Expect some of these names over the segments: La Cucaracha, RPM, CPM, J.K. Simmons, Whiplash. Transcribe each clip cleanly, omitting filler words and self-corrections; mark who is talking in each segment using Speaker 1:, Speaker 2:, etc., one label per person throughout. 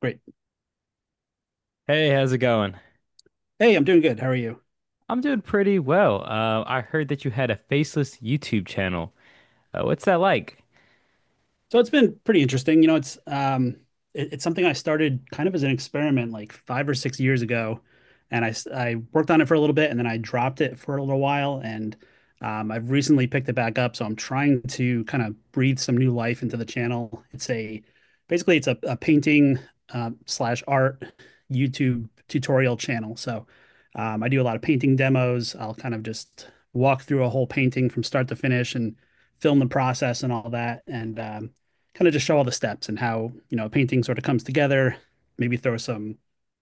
Speaker 1: Great.
Speaker 2: Hey, how's it going?
Speaker 1: Hey, I'm doing good. How are you?
Speaker 2: I'm doing pretty well. I heard that you had a faceless YouTube channel. What's that like?
Speaker 1: So it's been pretty interesting. It's something I started kind of as an experiment like 5 or 6 years ago, and I worked on it for a little bit, and then I dropped it for a little while, and I've recently picked it back up. So I'm trying to kind of breathe some new life into the channel. It's a basically it's a painting slash art YouTube tutorial channel. So I do a lot of painting demos. I'll kind of just walk through a whole painting from start to finish and film the process and all that. And kind of just show all the steps and how you know a painting sort of comes together. Maybe throw some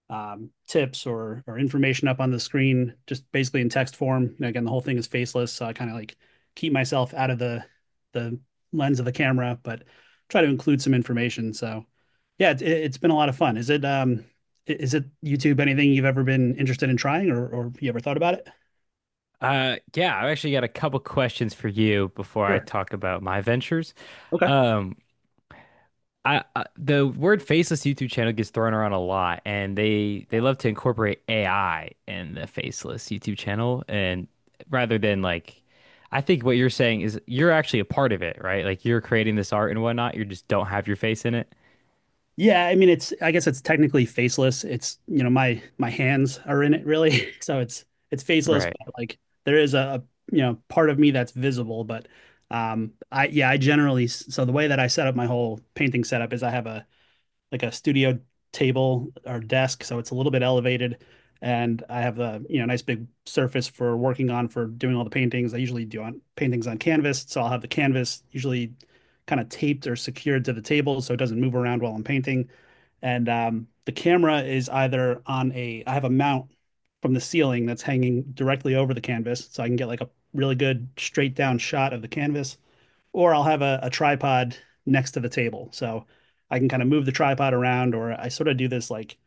Speaker 1: tips or information up on the screen, just basically in text form. You know, again, the whole thing is faceless, so I kind of like keep myself out of the lens of the camera, but try to include some information. So, yeah, it's been a lot of fun. Is it, is it YouTube anything you've ever been interested in trying or you ever thought about it?
Speaker 2: Yeah, I've actually got a couple questions for you before I
Speaker 1: Sure.
Speaker 2: talk about my ventures.
Speaker 1: Okay.
Speaker 2: Um, I the word faceless YouTube channel gets thrown around a lot, and they love to incorporate AI in the faceless YouTube channel, and rather than like, I think what you're saying is you're actually a part of it, right? Like you're creating this art and whatnot. You just don't have your face in it,
Speaker 1: Yeah, I mean it's I guess it's technically faceless. It's, you know, my hands are in it really. So it's faceless,
Speaker 2: right?
Speaker 1: but like there is you know, part of me that's visible, but I yeah, I generally so the way that I set up my whole painting setup is I have a like a studio table or desk, so it's a little bit elevated. And I have a you know nice big surface for working on for doing all the paintings. I usually do on paintings on canvas, so I'll have the canvas usually kind of taped or secured to the table so it doesn't move around while I'm painting. And the camera is either on a I have a mount from the ceiling that's hanging directly over the canvas, so I can get like a really good straight down shot of the canvas or I'll have a tripod next to the table. So I can kind of move the tripod around, or I sort of do this like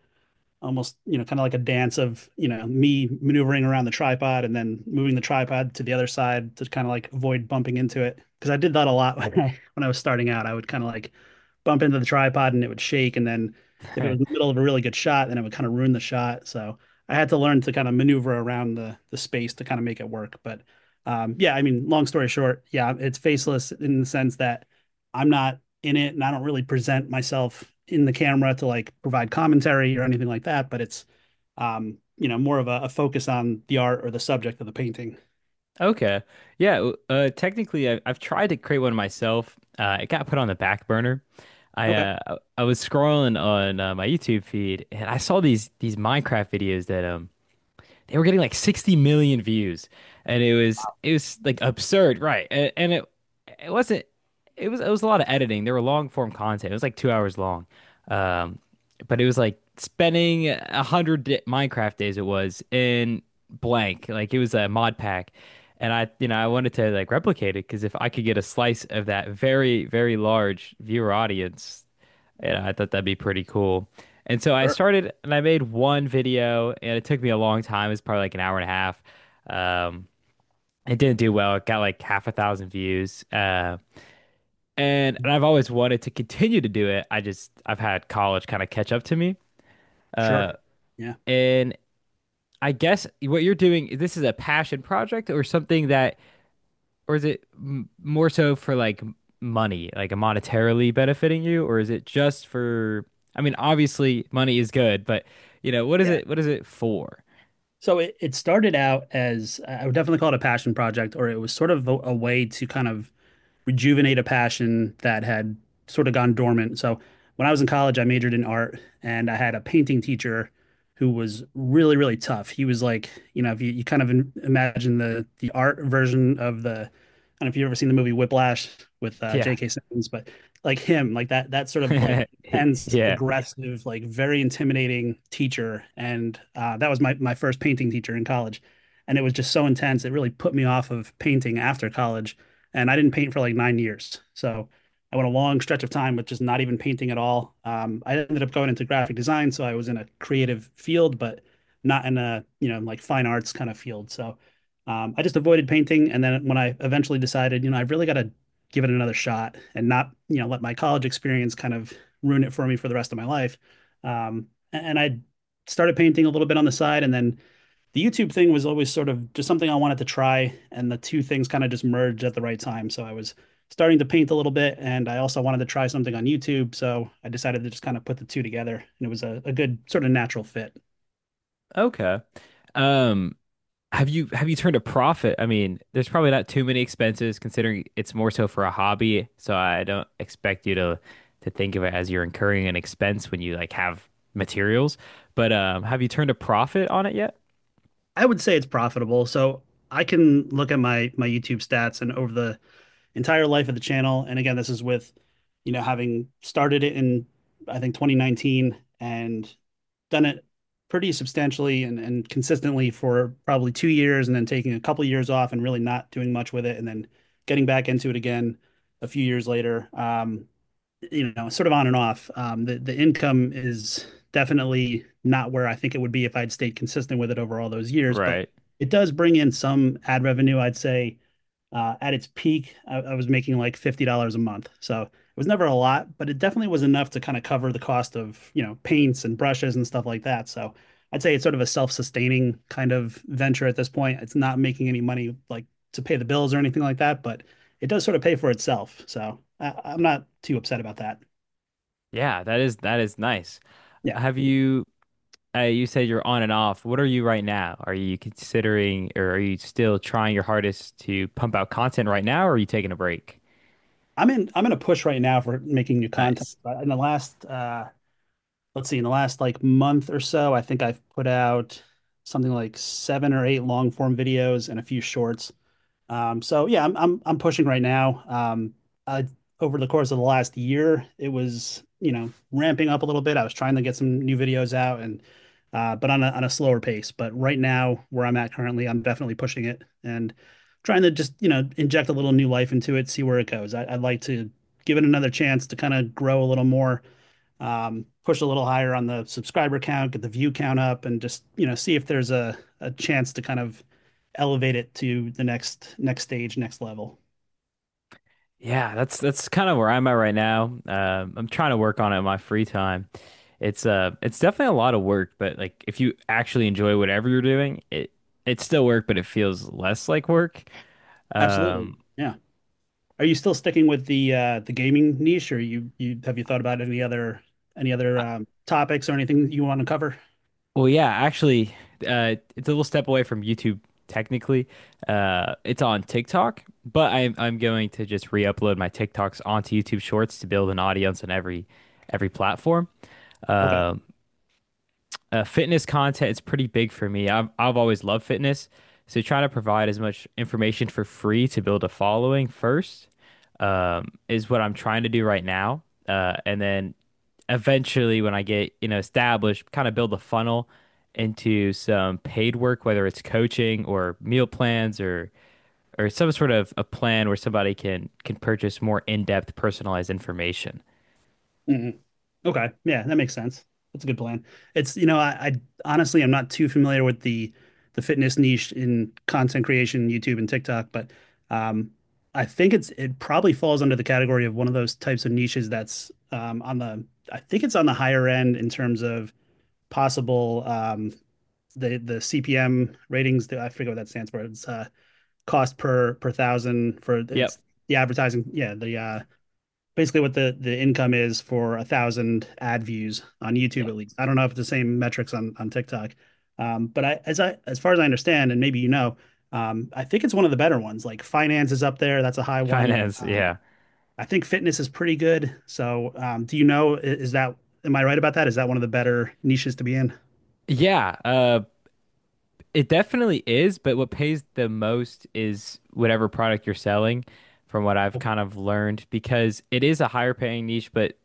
Speaker 1: almost you know kind of like a dance of you know me maneuvering around the tripod and then moving the tripod to the other side to kind of like avoid bumping into it because I did that a lot when I was starting out I would kind of like bump into the tripod and it would shake and then if it was in the middle of a really good shot then it would kind of ruin the shot so I had to learn to kind of maneuver around the space to kind of make it work but yeah I mean long story short yeah it's faceless in the sense that I'm not in it and I don't really present myself in the camera to like provide commentary or anything like that, but it's you know, more of a focus on the art or the subject of the painting.
Speaker 2: Okay. Yeah. Technically, I've tried to create one myself. It got put on the back burner. I
Speaker 1: Okay.
Speaker 2: I was scrolling on my YouTube feed and I saw these Minecraft videos that they were getting like 60 million views, and it was like absurd, right? And, and it it wasn't it was it was a lot of editing. There were long form content. It was like 2 hours long. um but it was like spending 100 minecraft days. It was in blank, like it was a mod pack, and I you know I wanted to like replicate it, because if I could get a slice of that very large viewer audience, and I thought that'd be pretty cool. And so I started and I made one video and it took me a long time. It was probably like an hour and a half. Um, it didn't do well. It got like half a thousand views. And I've always wanted to continue to do it. I just, I've had college kind of catch up to me.
Speaker 1: Sure.
Speaker 2: Uh,
Speaker 1: Yeah.
Speaker 2: and I guess what you're doing, this is a passion project or something that, or is it m more so for like money, like monetarily benefiting you, or is it just for? I mean, obviously money is good, but you know, what is
Speaker 1: Yeah.
Speaker 2: it? What is it for?
Speaker 1: So it started out as I would definitely call it a passion project, or it was sort of a way to kind of rejuvenate a passion that had sort of gone dormant. So when I was in college, I majored in art and I had a painting teacher who was really, really tough. He was like, you know, if you, you kind of imagine the art version of the, I don't know if you've ever seen the movie Whiplash with
Speaker 2: Yeah,
Speaker 1: J.K. Simmons, but like him, like that sort of like intense,
Speaker 2: yeah.
Speaker 1: aggressive, like very intimidating teacher. And that was my first painting teacher in college. And it was just so intense. It really put me off of painting after college and I didn't paint for like 9 years. So I went a long stretch of time with just not even painting at all. I ended up going into graphic design, so I was in a creative field, but not in a you know like fine arts kind of field. So I just avoided painting, and then when I eventually decided, you know, I've really got to give it another shot and not you know let my college experience kind of ruin it for me for the rest of my life. Um, and I started painting a little bit on the side, and then the YouTube thing was always sort of just something I wanted to try, and the two things kind of just merged at the right time. So I was starting to paint a little bit, and I also wanted to try something on YouTube. So I decided to just kind of put the two together, and it was a good sort of natural fit.
Speaker 2: Okay. Um, have you turned a profit? I mean, there's probably not too many expenses considering it's more so for a hobby, so I don't expect you to think of it as you're incurring an expense when you like have materials. But have you turned a profit on it yet?
Speaker 1: I would say it's profitable. So I can look at my YouTube stats and over the entire life of the channel. And again, this is with, you know, having started it in, I think, 2019 and done it pretty substantially and consistently for probably 2 years and then taking a couple of years off and really not doing much with it and then getting back into it again a few years later. You know, sort of on and off. The the income is definitely not where I think it would be if I'd stayed consistent with it over all those years, but
Speaker 2: Right.
Speaker 1: it does bring in some ad revenue, I'd say at its peak, I was making like $50 a month. So it was never a lot, but it definitely was enough to kind of cover the cost of, you know, paints and brushes and stuff like that. So I'd say it's sort of a self-sustaining kind of venture at this point. It's not making any money like to pay the bills or anything like that, but it does sort of pay for itself. So I'm not too upset about that.
Speaker 2: Yeah, that is nice.
Speaker 1: Yeah.
Speaker 2: Have you you said you're on and off. What are you right now? Are you considering or are you still trying your hardest to pump out content right now, or are you taking a break?
Speaker 1: I'm in a push right now for making new content.
Speaker 2: Nice.
Speaker 1: In the last let's see, in the last like month or so, I think I've put out something like 7 or 8 long form videos and a few shorts. So yeah, I'm pushing right now. I, Over the course of the last year, it was, you know, ramping up a little bit. I was trying to get some new videos out and but on a slower pace. But right now, where I'm at currently, I'm definitely pushing it and trying to just, you know, inject a little new life into it, see where it goes. I'd like to give it another chance to kind of grow a little more push a little higher on the subscriber count, get the view count up, and just, you know, see if there's a chance to kind of elevate it to the next next stage, next level.
Speaker 2: Yeah, that's kind of where I'm at right now. I'm trying to work on it in my free time. It's definitely a lot of work, but like if you actually enjoy whatever you're doing, it it's still work, but it feels less like work.
Speaker 1: Absolutely.
Speaker 2: Um,
Speaker 1: Yeah. Are you still sticking with the gaming niche, or you have you thought about any other topics or anything you want to cover?
Speaker 2: Well, yeah, actually, it's a little step away from YouTube technically. It's on TikTok, but I'm going to just re-upload my TikToks onto YouTube Shorts to build an audience on every platform.
Speaker 1: Okay.
Speaker 2: Um fitness content is pretty big for me. I've always loved fitness, so trying to provide as much information for free to build a following first is what I'm trying to do right now. And then eventually, when I get you know established, kind of build a funnel into some paid work, whether it's coaching or meal plans or some sort of a plan where somebody can purchase more in-depth personalized information.
Speaker 1: Mm-hmm. Okay. Yeah, that makes sense. That's a good plan. It's, you know, I honestly I'm not too familiar with the fitness niche in content creation, YouTube and TikTok, but um I think it's it probably falls under the category of one of those types of niches that's on the I think it's on the higher end in terms of possible the CPM ratings I forget what that stands for. It's cost per per thousand for
Speaker 2: Yep.
Speaker 1: it's the advertising, yeah, the basically what the income is for 1,000 ad views on
Speaker 2: Yep.
Speaker 1: YouTube at least. I don't know if it's the same metrics on TikTok, but I as far as I understand, and maybe you know, I think it's one of the better ones. Like finance is up there. That's a high one.
Speaker 2: Finance, yeah.
Speaker 1: I think fitness is pretty good. So, do you know, is that, am I right about that? Is that one of the better niches to be in?
Speaker 2: Yeah. It definitely is, but what pays the most is whatever product you're selling, from what I've
Speaker 1: Okay.
Speaker 2: kind of learned, because it is a higher paying niche, but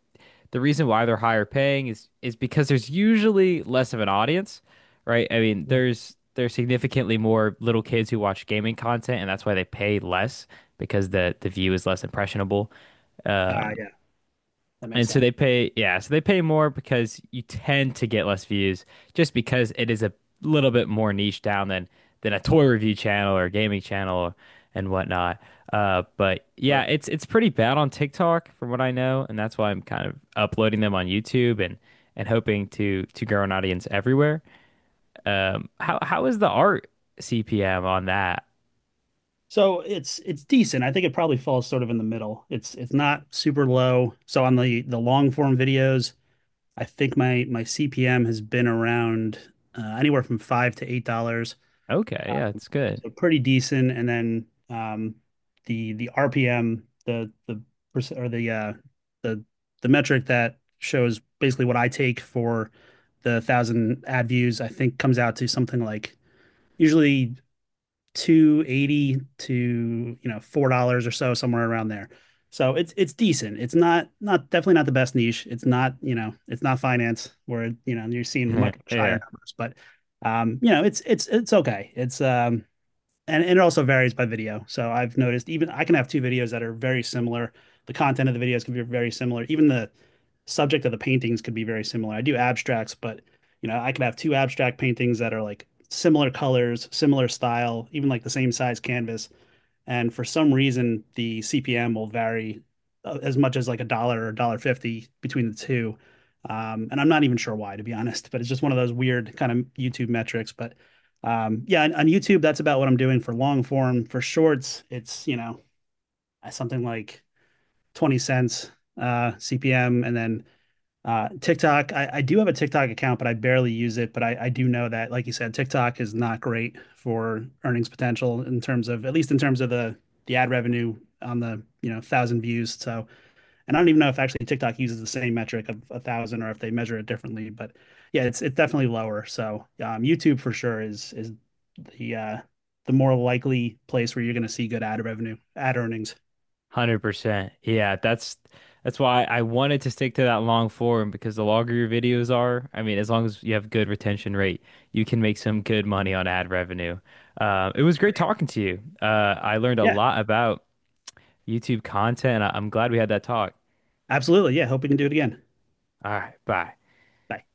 Speaker 2: the reason why they're higher paying is because there's usually less of an audience, right? I mean,
Speaker 1: Yeah.
Speaker 2: there's significantly more little kids who watch gaming content, and that's why they pay less because the view is less impressionable.
Speaker 1: Ah,
Speaker 2: Um,
Speaker 1: yeah, that makes
Speaker 2: and so
Speaker 1: sense.
Speaker 2: they pay, yeah, so they pay more because you tend to get less views just because it is a little bit more niche down than a toy review channel or a gaming channel and whatnot. But yeah,
Speaker 1: Sure.
Speaker 2: it's pretty bad on TikTok from what I know, and that's why I'm kind of uploading them on YouTube and hoping to grow an audience everywhere. How is the art CPM on that?
Speaker 1: So it's decent. I think it probably falls sort of in the middle. It's not super low. So on the long form videos, I think my CPM has been around anywhere from $5 to $8.
Speaker 2: Okay, yeah, it's good.
Speaker 1: So pretty decent. And then the RPM, the or the the the metric that shows basically what I take for the thousand ad views, I think comes out to something like usually 280 to, you know, $4 or so, somewhere around there. So it's decent. It's not not definitely not the best niche. It's not, you know, it's not finance where, you know, you're seeing much, much higher
Speaker 2: Yeah.
Speaker 1: numbers, but you know, it's it's okay. It's. And it also varies by video. So I've noticed even I can have two videos that are very similar. The content of the videos can be very similar. Even the subject of the paintings could be very similar. I do abstracts, but you know, I could have two abstract paintings that are like similar colors, similar style, even like the same size canvas, and for some reason the CPM will vary as much as like a dollar or a dollar fifty between the two. And I'm not even sure why, to be honest, but it's just one of those weird kind of YouTube metrics. But yeah, on YouTube, that's about what I'm doing for long form. For shorts, it's, you know, something like 20 cents CPM. And then TikTok, I do have a TikTok account, but I barely use it. But I do know that, like you said, TikTok is not great for earnings potential in terms of, at least in terms of the ad revenue on the, you know, thousand views. So, and I don't even know if actually TikTok uses the same metric of a thousand or if they measure it differently. But yeah, it's definitely lower. So, YouTube for sure is the uh, the more likely place where you're going to see good ad revenue, ad earnings.
Speaker 2: 100%. Yeah, that's why I wanted to stick to that long form, because the longer your videos are, I mean, as long as you have good retention rate, you can make some good money on ad revenue. It was great talking to you. I learned a
Speaker 1: Yeah,
Speaker 2: lot about YouTube content. I I'm glad we had that talk.
Speaker 1: absolutely. Yeah, hope we can do it again.
Speaker 2: All right, bye.
Speaker 1: Bye.